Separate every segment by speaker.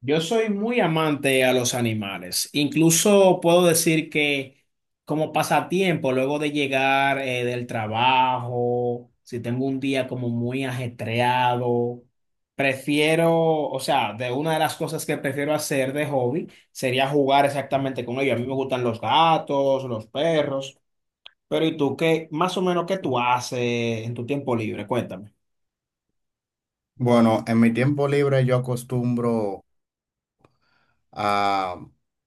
Speaker 1: Yo soy muy amante a los animales. Incluso puedo decir que como pasatiempo, luego de llegar del trabajo, si tengo un día como muy ajetreado, prefiero, o sea, de una de las cosas que prefiero hacer de hobby sería jugar exactamente con ellos. A mí me gustan los gatos, los perros, pero ¿y tú qué, más o menos qué tú haces en tu tiempo libre? Cuéntame.
Speaker 2: Bueno, en mi tiempo libre yo acostumbro a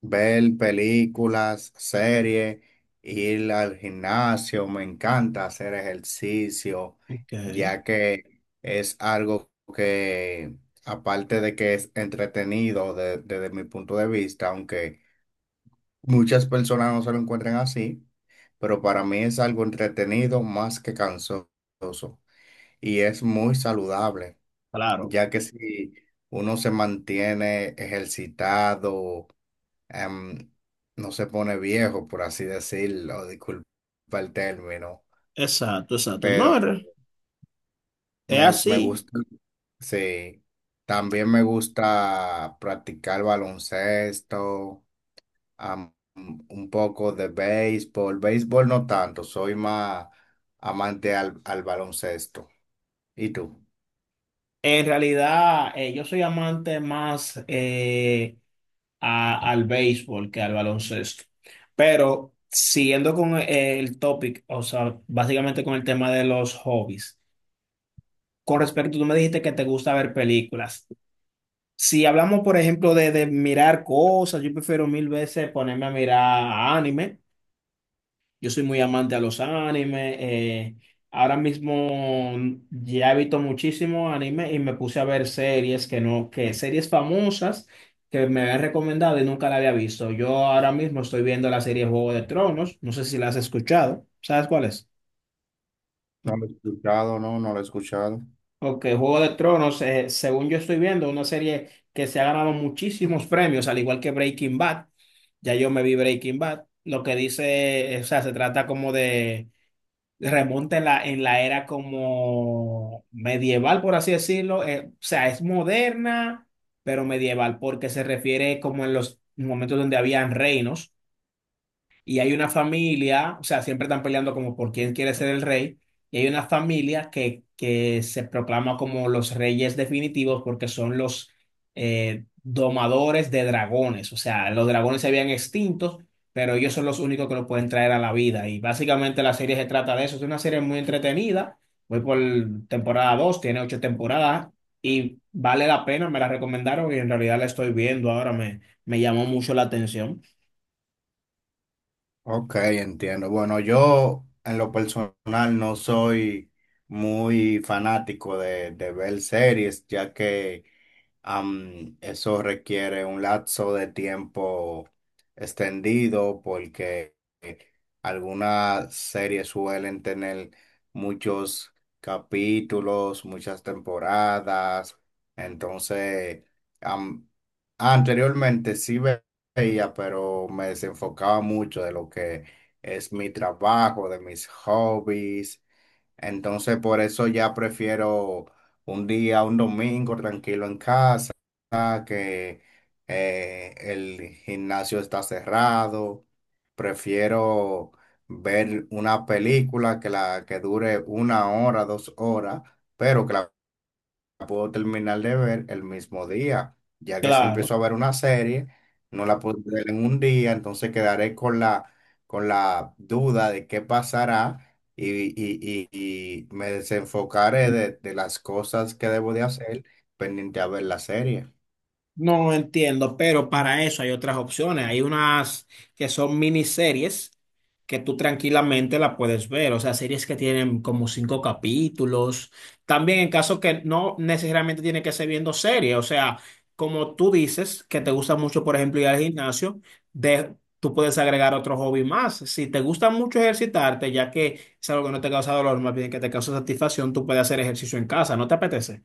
Speaker 2: ver películas, series, ir al gimnasio, me encanta hacer ejercicio,
Speaker 1: Ok,
Speaker 2: ya que es algo que, aparte de que es entretenido desde mi punto de vista, aunque muchas personas no se lo encuentren así, pero para mí es algo entretenido más que cansoso y es muy saludable
Speaker 1: claro,
Speaker 2: ya que si uno se mantiene ejercitado, em, no se pone viejo, por así decirlo, disculpa el término,
Speaker 1: exacto, exacto. No,
Speaker 2: pero
Speaker 1: es
Speaker 2: me
Speaker 1: así.
Speaker 2: gusta, sí, también me gusta practicar baloncesto, am- un poco de béisbol, béisbol no tanto, soy más amante al baloncesto. ¿Y tú?
Speaker 1: En realidad, yo soy amante más al béisbol que al baloncesto. Pero siguiendo con el topic, o sea, básicamente con el tema de los hobbies. Con respecto, tú me dijiste que te gusta ver películas. Si hablamos, por ejemplo, de mirar cosas, yo prefiero mil veces ponerme a mirar anime. Yo soy muy amante a los animes. Ahora mismo ya he visto muchísimos animes y me puse a ver series que no, que series famosas que me habían recomendado y nunca la había visto. Yo ahora mismo estoy viendo la serie Juego de Tronos. No sé si la has escuchado. ¿Sabes cuál es?
Speaker 2: ¿No lo he escuchado? No, no lo he escuchado.
Speaker 1: Ok, Juego de Tronos, según yo estoy viendo, una serie que se ha ganado muchísimos premios, al igual que Breaking Bad. Ya yo me vi Breaking Bad. Lo que dice, o sea, se trata como de remonta en en la era como medieval, por así decirlo. O sea, es moderna, pero medieval, porque se refiere como en los momentos donde habían reinos y hay una familia, o sea, siempre están peleando como por quién quiere ser el rey, y hay una familia que se proclama como los reyes definitivos porque son los domadores de dragones. O sea, los dragones se habían extintos, pero ellos son los únicos que lo pueden traer a la vida, y básicamente la serie se trata de eso. Es una serie muy entretenida, voy por temporada dos, tiene ocho temporadas. Y vale la pena, me la recomendaron y en realidad la estoy viendo ahora, me llamó mucho la atención.
Speaker 2: Ok, entiendo. Bueno, yo en lo personal no soy muy fanático de ver series, ya que eso requiere un lapso de tiempo extendido porque eh, algunas series suelen tener muchos capítulos, muchas temporadas. Entonces, am, anteriormente veía, pero me desenfocaba mucho de lo que es mi trabajo, de mis hobbies, entonces, por eso ya prefiero un día, un domingo tranquilo en casa, que el gimnasio está cerrado. Prefiero ver una película que la que dure una hora, 2 horas, pero que la puedo terminar de ver el mismo día, ya que si
Speaker 1: Claro.
Speaker 2: empiezo a ver una serie, no la puedo ver en un día, entonces quedaré con con la duda de qué pasará y me desenfocaré de las cosas que debo de hacer pendiente a ver la serie.
Speaker 1: No entiendo, pero para eso hay otras opciones. Hay unas que son miniseries que tú tranquilamente la puedes ver, o sea, series que tienen como cinco capítulos. También en caso que no necesariamente tiene que ser viendo series, o sea, como tú dices que te gusta mucho, por ejemplo, ir al gimnasio, de, tú puedes agregar otro hobby más. Si te gusta mucho ejercitarte, ya que es algo que no te causa dolor, más bien que te causa satisfacción, tú puedes hacer ejercicio en casa, ¿no te apetece?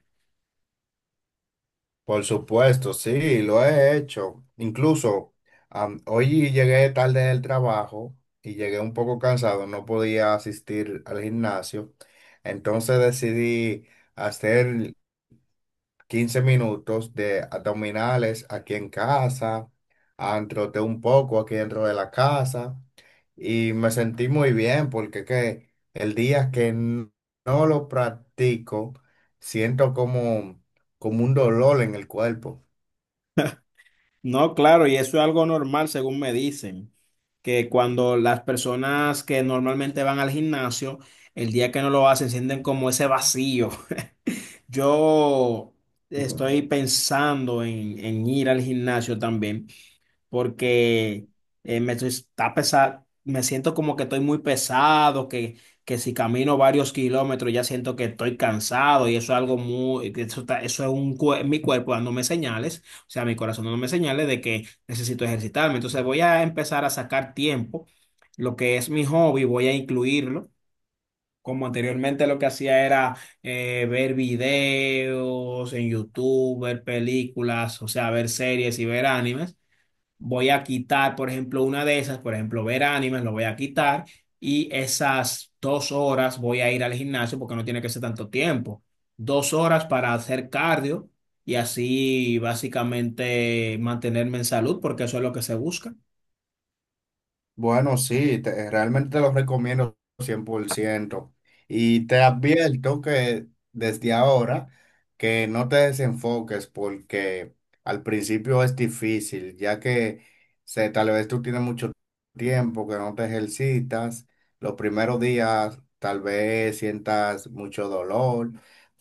Speaker 2: Por supuesto, sí, lo he hecho. Incluso hoy llegué tarde del trabajo y llegué un poco cansado, no podía asistir al gimnasio. Entonces decidí hacer 15 minutos de abdominales aquí en casa, troté un poco aquí dentro de la casa y me sentí muy bien porque que el día no lo practico, siento como un dolor en el cuerpo.
Speaker 1: No, claro, y eso es algo normal, según me dicen, que cuando las personas que normalmente van al gimnasio, el día que no lo hacen, sienten como ese vacío. Yo estoy pensando en ir al gimnasio también porque me siento como que estoy muy pesado, que si camino varios kilómetros ya siento que estoy cansado y eso es algo muy, que eso, eso es mi cuerpo dándome señales, o sea, mi corazón dándome señales de que necesito ejercitarme. Entonces voy a empezar a sacar tiempo, lo que es mi hobby, voy a incluirlo. Como anteriormente lo que hacía era ver videos en YouTube, ver películas, o sea, ver series y ver animes, voy a quitar, por ejemplo, una de esas, por ejemplo, ver animes, lo voy a quitar y esas 2 horas voy a ir al gimnasio porque no tiene que ser tanto tiempo. 2 horas para hacer cardio y así básicamente mantenerme en salud porque eso es lo que se busca.
Speaker 2: Bueno, sí, realmente te lo recomiendo 100%. Y te advierto que desde ahora, que no te desenfoques porque al principio es difícil, ya que tal vez tú tienes mucho tiempo que no te ejercitas. Los primeros días tal vez sientas mucho dolor,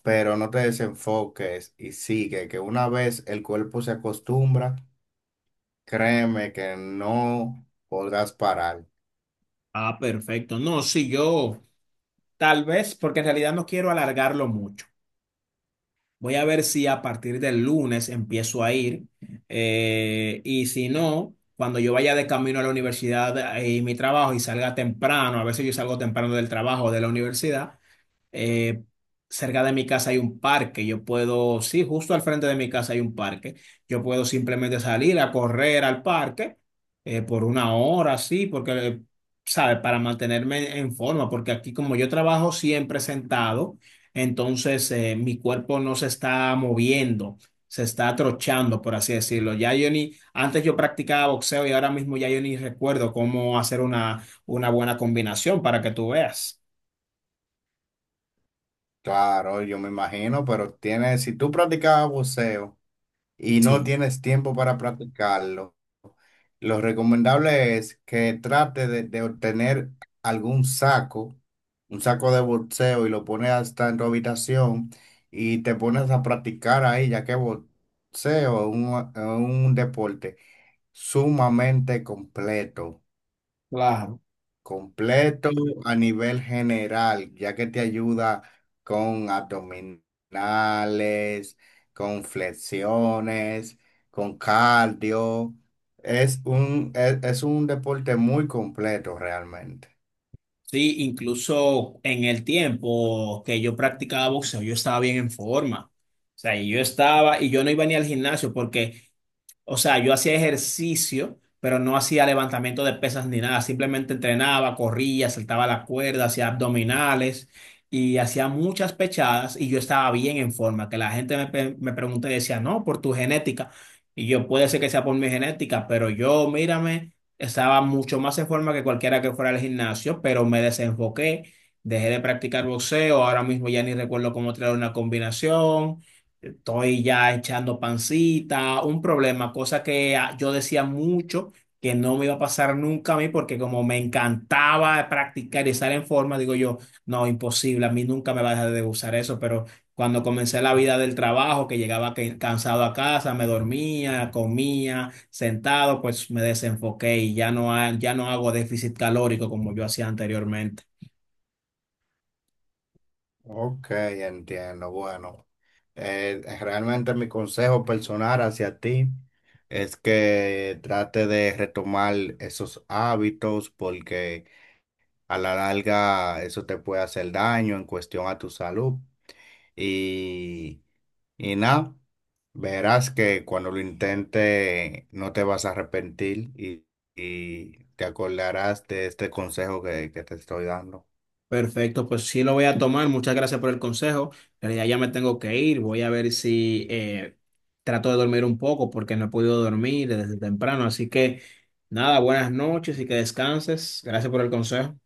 Speaker 2: pero no te desenfoques y sigue, que una vez el cuerpo se acostumbra. Créeme que no podrás parar.
Speaker 1: Ah, perfecto. No, sí, yo tal vez porque en realidad no quiero alargarlo mucho. Voy a ver si a partir del lunes empiezo a ir, y si no, cuando yo vaya de camino a la universidad y mi trabajo y salga temprano, a veces yo salgo temprano del trabajo o de la universidad, eh, cerca de mi casa hay un parque, yo puedo, sí, justo al frente de mi casa hay un parque, yo puedo simplemente salir a correr al parque por una hora, sí, porque, ¿sabes? Para mantenerme en forma, porque aquí como yo trabajo siempre sentado, entonces mi cuerpo no se está moviendo. Se está atrochando, por así decirlo. Ya yo ni, antes yo practicaba boxeo y ahora mismo ya yo ni recuerdo cómo hacer una buena combinación para que tú veas.
Speaker 2: Claro, yo me imagino, pero tienes, si tú practicabas boxeo y no
Speaker 1: Sí,
Speaker 2: tienes tiempo para practicarlo, lo recomendable es que trate de obtener algún saco, un saco de boxeo y lo pones hasta en tu habitación y te pones a practicar ahí, ya que boxeo es un deporte sumamente completo.
Speaker 1: claro.
Speaker 2: Completo a nivel general, ya que te ayuda con abdominales, con flexiones, con cardio. Es un deporte muy completo realmente.
Speaker 1: Sí, incluso en el tiempo que yo practicaba boxeo, yo estaba bien en forma. O sea, y yo estaba y yo no iba ni al gimnasio porque, o sea, yo hacía ejercicio, pero no hacía levantamiento de pesas ni nada. Simplemente entrenaba, corría, saltaba la cuerda, hacía abdominales y hacía muchas pechadas y yo estaba bien en forma. Que la gente me pregunta y decía, no, por tu genética. Y yo, puede ser que sea por mi genética, pero yo, mírame, estaba mucho más en forma que cualquiera que fuera al gimnasio, pero me desenfoqué. Dejé de practicar boxeo, ahora mismo ya ni recuerdo cómo traer una combinación, estoy ya echando pancita, un problema, cosa que ah, yo decía mucho que no me iba a pasar nunca a mí porque como me encantaba practicar y estar en forma, digo yo, no, imposible, a mí nunca me va a dejar de usar eso, pero cuando comencé la vida del trabajo, que llegaba cansado a casa, me dormía, comía, sentado, pues me desenfoqué y ya no hago déficit calórico como yo hacía anteriormente.
Speaker 2: Ok, entiendo. Bueno, realmente mi consejo personal hacia ti es que trate de retomar esos hábitos porque a la larga, eso te puede hacer daño en cuestión a tu salud. Y, y nada, verás que cuando lo intentes no te vas a arrepentir y te acordarás de este consejo que te estoy dando.
Speaker 1: Perfecto, pues sí lo voy a tomar. Muchas gracias por el consejo. En realidad ya me tengo que ir. Voy a ver si trato de dormir un poco porque no he podido dormir desde temprano. Así que nada, buenas noches y que descanses. Gracias por el consejo.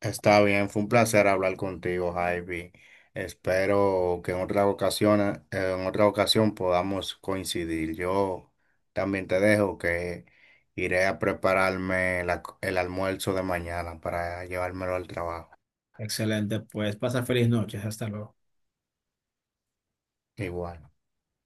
Speaker 2: Está bien, fue un placer hablar contigo, Javi. Espero que en otra ocasión podamos coincidir. Yo también te dejo que iré a prepararme el almuerzo de mañana para llevármelo al trabajo.
Speaker 1: Excelente, pues pasa feliz noches. Hasta luego.
Speaker 2: Igual.